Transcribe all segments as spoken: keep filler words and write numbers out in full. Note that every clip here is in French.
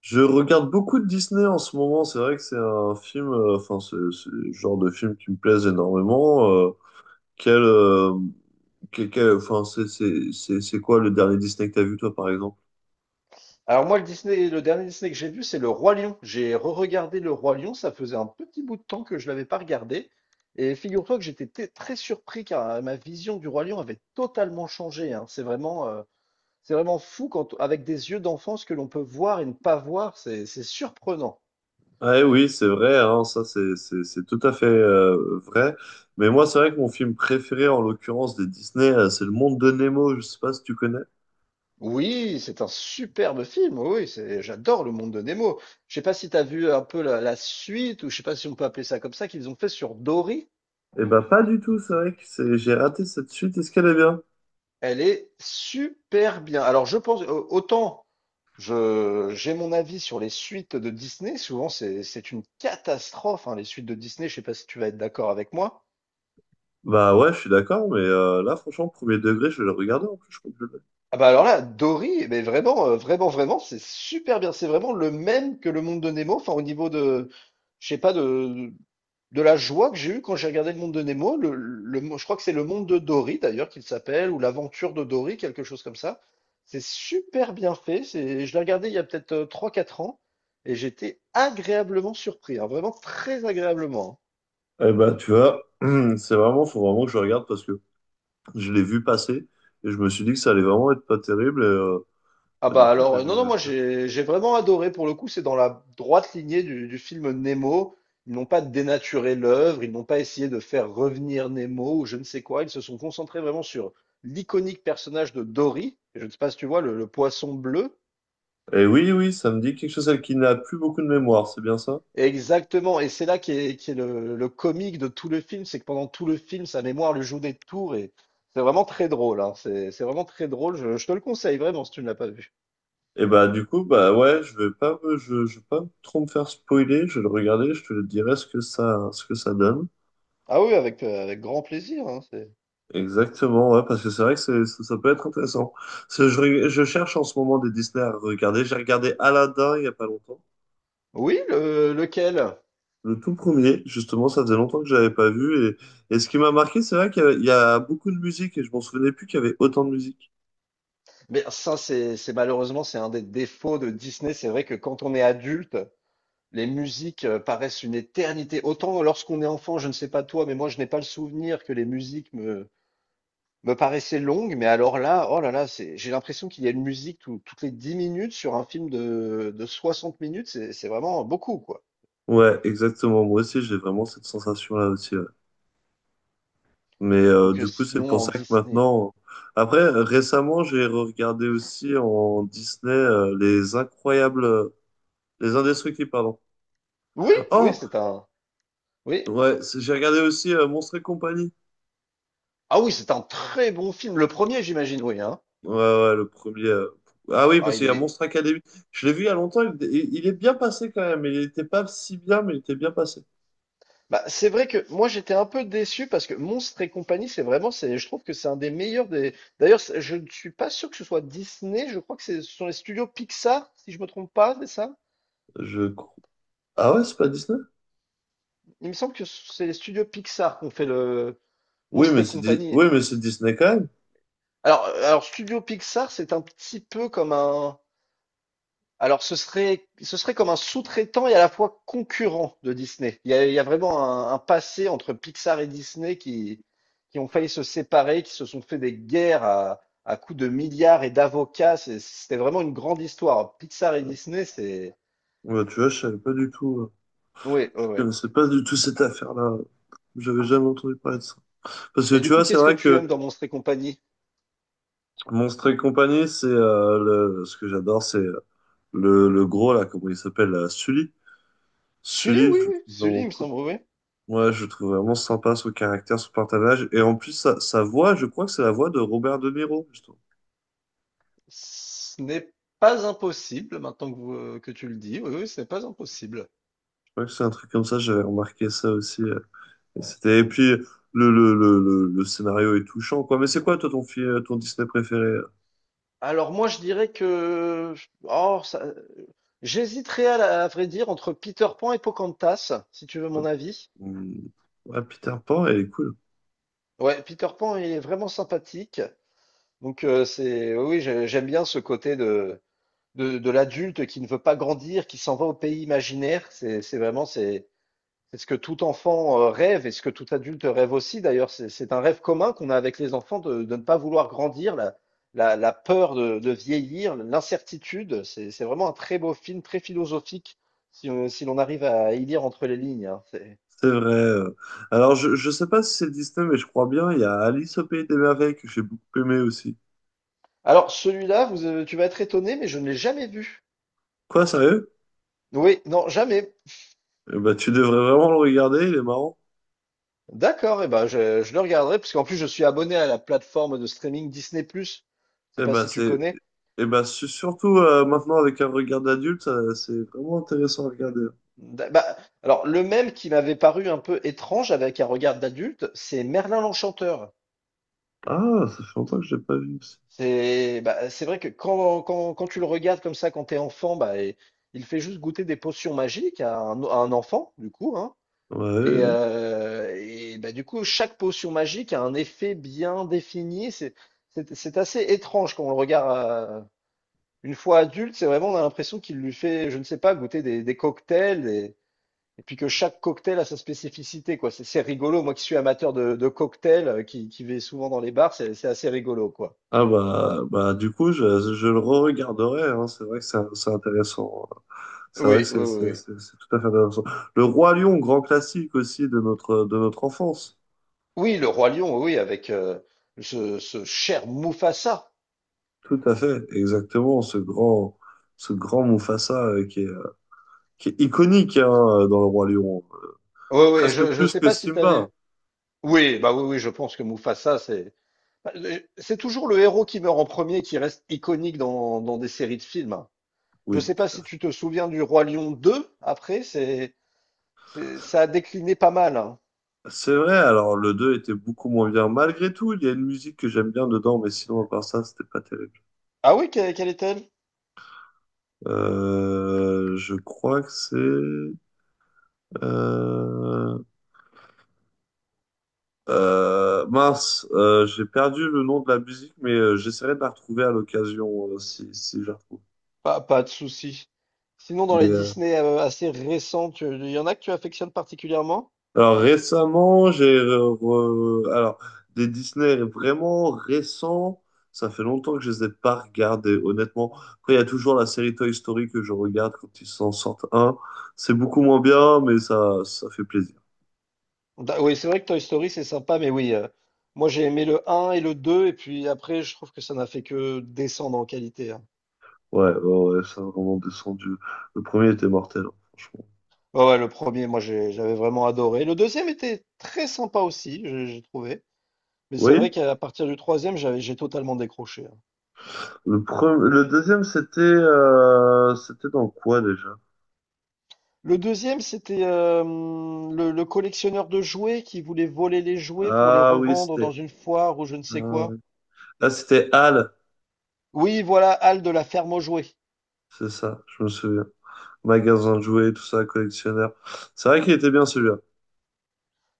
Je regarde beaucoup de Disney en ce moment. C'est vrai que c'est un film, euh, enfin, c'est c'est le genre de film qui me plaise énormément. Euh, quel, euh, quel- quel- enfin, c'est c'est- c'est- c'est quoi le dernier Disney que t'as vu, toi, par exemple? Alors moi, le Disney, le dernier Disney que j'ai vu, c'est Le Roi Lion. J'ai re-regardé Le Roi Lion, ça faisait un petit bout de temps que je l'avais pas regardé. Et figure-toi que j'étais t- très surpris car euh, ma vision du Roi Lion avait totalement changé, hein. C'est vraiment, euh, c'est vraiment fou quand, avec des yeux d'enfant, ce que l'on peut voir et ne pas voir, c'est, c'est surprenant. Ah, eh oui, c'est vrai, hein, ça, c'est c'est- c'est tout à fait euh, vrai. Mais moi, c'est vrai que mon film préféré, en l'occurrence, des Disney, euh, c'est Le Monde de Nemo. Je sais pas si tu connais. Oui, c'est un superbe film. Oui, c'est, j'adore le monde de Nemo. Je sais pas si tu as vu un peu la, la suite ou je sais pas si on peut appeler ça comme ça qu'ils ont fait sur Dory. Eh ben, pas du tout. C'est vrai que c'est- j'ai raté cette suite. Est-ce qu'elle est bien? Elle est super bien. Alors, je pense, au- autant je, j'ai mon avis sur les suites de Disney, souvent c'est, c'est une catastrophe, hein, les suites de Disney, je sais pas si tu vas être d'accord avec moi. Bah ouais, je suis d'accord, mais euh, là, franchement, premier degré, je vais le regarder en plus. Je crois que je l'ai. Ah bah alors là, Dory, mais vraiment, euh, vraiment, vraiment, c'est super bien. C'est vraiment le même que le monde de Nemo. Enfin, au niveau de, je sais pas, de, de la joie que j'ai eue quand j'ai regardé le monde de Nemo. Le, le, mo- je crois que c'est le monde de Dory d'ailleurs qu'il s'appelle, ou l'aventure de Dory, quelque chose comme ça. C'est super bien fait. C'est, je l'ai regardé il y a peut-être euh, trois, quatre ans et j'étais agréablement surpris, hein, vraiment très agréablement, hein. Eh ben, tu vois, c'est vraiment, faut vraiment que je regarde parce que je l'ai vu passer et je me suis dit que ça allait vraiment être pas terrible. Et, euh, Ah bah, du bah coup, je alors, vais euh, non, non, le... moi j'ai j'ai vraiment adoré. Pour le coup, c'est dans la droite lignée du, du film Nemo. Ils n'ont pas dénaturé l'œuvre, ils n'ont pas essayé de faire revenir Nemo ou je ne sais quoi. Ils se sont concentrés vraiment sur l'iconique personnage de Dory. Je ne sais pas si tu vois, le, le poisson bleu. Et oui, oui, ça me dit quelque chose, elle qui n'a plus beaucoup de mémoire, c'est bien ça? Exactement, et c'est là qui est, qui est le, le comique de tout le film, c'est que pendant tout le film, sa mémoire lui joue des tours et c'est vraiment très drôle, hein. C'est c'est vraiment très drôle. Je, je te le conseille vraiment si tu ne l'as pas vu. Et bah, du coup, bah ouais, je vais pas me, je, je vais pas trop me faire spoiler, je vais le regarder, je te le dirai ce que ça, ce que ça donne. Ah oui, avec, euh, avec grand plaisir, hein, c'est- Exactement, ouais, parce que c'est vrai que c'est, ça, ça peut être intéressant. Parce que Je, reg- je cherche en ce moment des Disney à regarder. J'ai regardé Aladdin il y a pas longtemps. Oui, le- lequel? Le tout premier, justement, ça faisait longtemps que je l'avais pas vu. Et, et ce qui m'a marqué, c'est vrai qu'il y a, il y a beaucoup de musique et je m'en souvenais plus qu'il y avait autant de musique. Mais ça, c'est c'est- malheureusement, c'est un des défauts de Disney. C'est vrai que quand on est adulte, les musiques euh, paraissent une éternité. Autant lorsqu'on est enfant, je ne sais pas toi, mais moi, je n'ai pas le souvenir que les musiques me, me paraissaient longues. Mais alors là, oh là là, c'est, j'ai l'impression qu'il y a une musique tout- toutes les dix minutes sur un film de, de soixante minutes. C'est c'est vraiment beaucoup, quoi. Ouais, exactement. Moi aussi, j'ai vraiment cette sensation-là aussi, ouais. Mais euh, Donc euh, du coup, c'est pour sinon, en ça que Disney. maintenant. Après, récemment, j'ai regardé aussi en Disney euh, les incroyables, euh, les indestructibles, pardon. Oui, oui, Oh, c'est un. Oui. ouais, c'est- j'ai regardé aussi euh, Monstres et compagnie. Ah oui, c'est un très bon film. Le premier, j'imagine, oui, hein. Ouais, ouais, le premier. euh, Ah oui, Ah. parce il qu'il y a est, Monstre Academy. Je l'ai vu il y a longtemps, il, il- il est bien passé quand même. Il n'était pas si bien, mais il était bien passé. Bah, c'est vrai que moi j'étais un peu déçu parce que Monstres et compagnie, c'est vraiment, c'est, je trouve que c'est un des meilleurs des. D'ailleurs, c'est- je ne suis pas sûr que ce soit Disney, je crois que c'est- ce sont les studios Pixar, si je me trompe pas, c'est ça? Je crois. Ah ouais, c'est pas Disney? Il me semble que c'est les studios Pixar qui ont fait le Oui, Monstres mais et c'est Di- compagnie. oui, mais c'est Disney quand même. Alors, euh, alors Studio Pixar, c'est un petit peu comme un. Alors, ce serait, ce serait comme un sous-traitant et à la fois concurrent de Disney. Il y a, il y a vraiment un, un passé entre Pixar et Disney qui, qui ont failli se séparer, qui se sont fait des guerres à, à coups de milliards et d'avocats. C'est- C'était vraiment une grande histoire. Pixar et Disney, c'est... Ouais, tu vois, je savais pas du tout. euh, Oui, Je oui, oui. connaissais pas du tout cette affaire-là. J'avais jamais entendu parler de ça. Parce que Et du tu coup, vois, c'est qu'est-ce que vrai tu que aimes dans Monstres et compagnie? Monstre et compagnie, c'est euh, le... ce que j'adore, c'est euh, le, le gros là, comment il s'appelle, là, Sully. Sully, Sully, oui, je le oui. trouve Sully, il vraiment me semble, oui. Ouais, je le trouve vraiment sympa son caractère, son partage. Et en plus, sa, sa voix, je crois que c'est la voix de Robert De Niro, justement. Ce n'est pas impossible, maintenant que, vous- que tu le dis. Oui, oui, ce n'est pas impossible. Je crois que c'est un truc comme ça, j'avais remarqué ça aussi. euh. Et c'était, et puis, le, le, le, le, le scénario est touchant, quoi. Mais c'est quoi, toi, ton, film, ton Disney préféré? euh Alors moi je dirais que, oh, ça- j'hésiterais à, la- à vrai dire entre Peter Pan et Pocahontas, si tu veux Ouais, mon avis. Hum, ouais, Peter Pan, elle est cool. Ouais, Peter Pan il est vraiment sympathique. Donc euh, c'est oui, oui, j'ai- j'aime bien ce côté de de, de l'adulte qui ne veut pas grandir, qui s'en va au pays imaginaire. C'est c'est vraiment c'est C'est ce que tout enfant euh, rêve et ce que tout adulte rêve aussi. D'ailleurs, c'est c'est un rêve commun qu'on a avec les enfants de, de ne pas vouloir grandir, la, la- la peur de, de vieillir, l'incertitude. C'est c'est vraiment un très beau film, très philosophique, si, on- si l'on arrive à y lire entre les lignes, hein. C'est- C'est vrai. euh. Alors, je, je sais pas si c'est Disney, mais je crois bien. Il y a Alice au Pays des Merveilles que j'ai beaucoup aimé aussi. Alors, celui-là, vous, euh, tu vas être étonné, mais je ne l'ai jamais vu. Quoi, sérieux? Oui, non, jamais. Eh ben, tu devrais vraiment le regarder, il est marrant. D'accord, et ben je, je le regarderai, parce qu'en plus, je suis abonné à la plateforme de streaming Disney+, plus. Je sais Eh pas ben si tu c'est connais. eh ben su- surtout euh, maintenant avec un regard d'adulte, ça- c'est vraiment intéressant à regarder. Da- bah, alors, le même qui m'avait paru un peu étrange avec un regard d'adulte, c'est Merlin l'Enchanteur. Ah, ça fait longtemps que je l'ai pas vu aussi. C'est Bah, c'est vrai que quand, quand, quand tu le regardes comme ça, quand t'es enfant, bah, et- il fait juste goûter des potions magiques à un, à un enfant, du coup, hein. Ouais, ouais, Et, ouais. euh, et, bah, du coup, chaque potion magique a un effet bien défini. C'est c'est- c'est assez étrange quand on le regarde euh, une fois adulte. C'est vraiment, on a l'impression qu'il lui fait, je ne sais pas, goûter des, des cocktails. Et puis que chaque cocktail a sa spécificité, quoi. C'est c'est rigolo. Moi qui suis amateur de, de cocktails, euh, qui, qui vais souvent dans les bars, c'est c'est assez rigolo, quoi. Ah, bah bah du coup je, je le re-regarderai, hein. C'est vrai que c'est c'est intéressant, hein. C'est vrai que Oui, oui, c'est oui, c'est oui. c'est- c'est tout à fait intéressant. Le Roi Lion, grand classique aussi de notre de notre enfance. Oui, le Roi Lion, oui, avec euh, ce, ce cher Mufasa. Tout à fait, exactement. Ce grand ce grand Mufasa euh, qui est euh, qui est iconique, hein, dans le Roi Lion, Oui, oui, presque je, ne plus sais que pas si tu avais. Simba. Oui, bah oui, oui, je pense que Mufasa, c'est bah, le- c'est toujours le héros qui meurt en premier qui reste iconique dans, dans des séries de films. Je ne Oui, sais pas tout à si fait. tu te souviens du Roi Lion deux. Après, c'est, c'est- ça a décliné pas mal, hein. C'est vrai, alors le deux était beaucoup moins bien. Malgré tout, il y a une musique que j'aime bien dedans, mais sinon, à part ça, c'était pas terrible. Ah oui, que- quelle était. Euh, je crois que c'est... Euh... euh, Mince, euh, j'ai perdu le nom de la musique, mais euh, j'essaierai de la retrouver à l'occasion euh, si, si je la retrouve. Pas, pas de souci. Sinon, dans Mais les euh, Disney euh, assez récents, tu- il y en a que tu affectionnes particulièrement? Alors récemment, j'ai re- re- alors des Disney vraiment récents, ça fait longtemps que je les ai pas regardés, honnêtement. Après, il y a toujours la série Toy Story que je regarde quand ils s'en sortent un. C'est beaucoup moins bien, mais ça ça fait plaisir. Da- oui, c'est vrai que Toy Story, c'est sympa, mais oui, euh, moi j'ai aimé le un et le deux et puis après, je trouve que ça n'a fait que descendre en qualité, hein. Ouais, ouais, ouais, ça a vraiment descendu. Le premier était mortel, hein, franchement. Ouais, ouais, le premier, moi j'ai- j'avais vraiment adoré. Le deuxième était très sympa aussi, j'ai j'ai trouvé. Mais c'est vrai Oui. qu'à partir du troisième, j'avais, j'ai totalement décroché, hein. Le premier, le deuxième, c'était euh, c'était dans quoi déjà? Le deuxième, c'était euh, le le collectionneur de jouets qui voulait voler les jouets pour les Ah oui, revendre dans c'était une foire ou je ne sais quoi. euh, ah c'était Hal, Oui, voilà, Hal de la ferme aux jouets. c'est ça, je me souviens. Magasin de jouets, tout ça, collectionneur. C'est vrai qu'il était bien celui-là.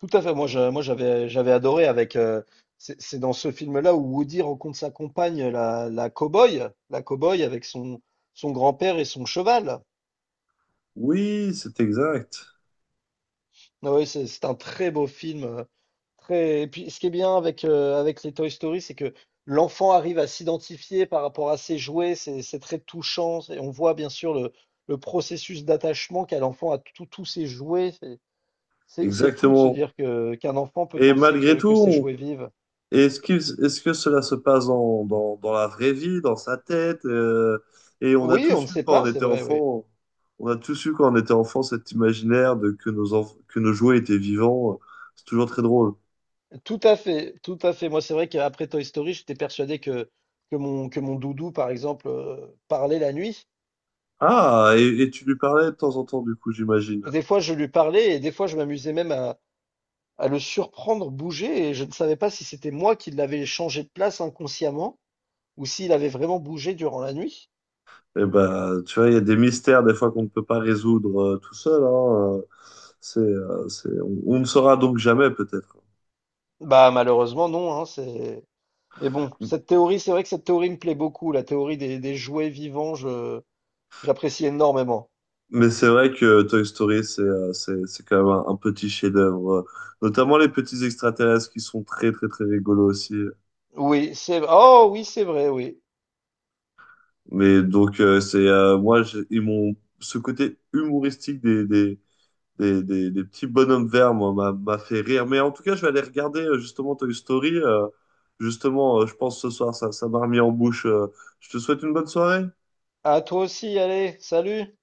Tout à fait. Moi, je- moi, j'avais, j'avais adoré avec. euh, c'est c'est dans ce film-là où Woody rencontre sa compagne, la, la cow-boy, la cow-boy avec son, son grand-père et son cheval. Oui, c'est exact. Ah ouais, c'est c'est un très beau film. euh, Très... Et puis, ce qui est bien avec, euh, avec les Toy Story, c'est que l'enfant arrive à s'identifier par rapport à ses jouets. C'est c'est très touchant. Et on voit bien sûr le, le processus d'attachement qu'a l'enfant à tout- tous ses jouets. C'est c'est fou de se Exactement. dire que qu'un enfant peut Et penser malgré que, tout, que ses on- jouets vivent. est-ce qu'il- est-ce que cela se passe dans, dans, dans la vraie vie, dans sa tête? euh, Et on a Oui, on tous ne eu sait quand pas, on c'est était vrai, oui. enfant, on a tous eu quand on était enfant cet imaginaire de que nos enf- que nos jouets étaient vivants. C'est toujours très drôle. Tout à fait, tout à fait. Moi, c'est vrai qu'après Toy Story, j'étais persuadé que, que mon, que mon doudou, par exemple, euh, parlait la nuit. Ah, et, et tu lui parlais de temps en temps, du coup, j'imagine. Des fois, je lui parlais et des fois, je m'amusais même à, à le surprendre bouger et je ne savais pas si c'était moi qui l'avais changé de place inconsciemment ou s'il avait vraiment bougé durant la nuit. Et ben, tu vois, il y a des mystères des fois qu'on ne peut pas résoudre euh, tout seul. hein, euh, c'est, euh, c'est, on, on ne saura donc jamais peut-être. Bah, malheureusement, non, hein, c'est... Mais bon, cette théorie, c'est vrai que cette théorie me plaît beaucoup, la théorie des, des jouets vivants, je... J'apprécie énormément. Mais c'est vrai que Toy Story, c'est euh, c'est, c'est quand même un, un petit chef-d'œuvre. euh, Notamment les petits extraterrestres qui sont très très très rigolos aussi. Oui, c'est... Oh oui, c'est vrai, oui. Mais donc euh, c'est euh, moi j'ai- ils m'ont ce côté humoristique des, des des, des, des petits bonhommes verts, moi, m'a m'a fait rire. Mais en tout cas, je vais aller regarder euh, justement Toy Story. Euh, justement, euh, je pense ce soir, ça, ça m'a remis en bouche. euh. Je te souhaite une bonne soirée. À toi aussi, allez, salut!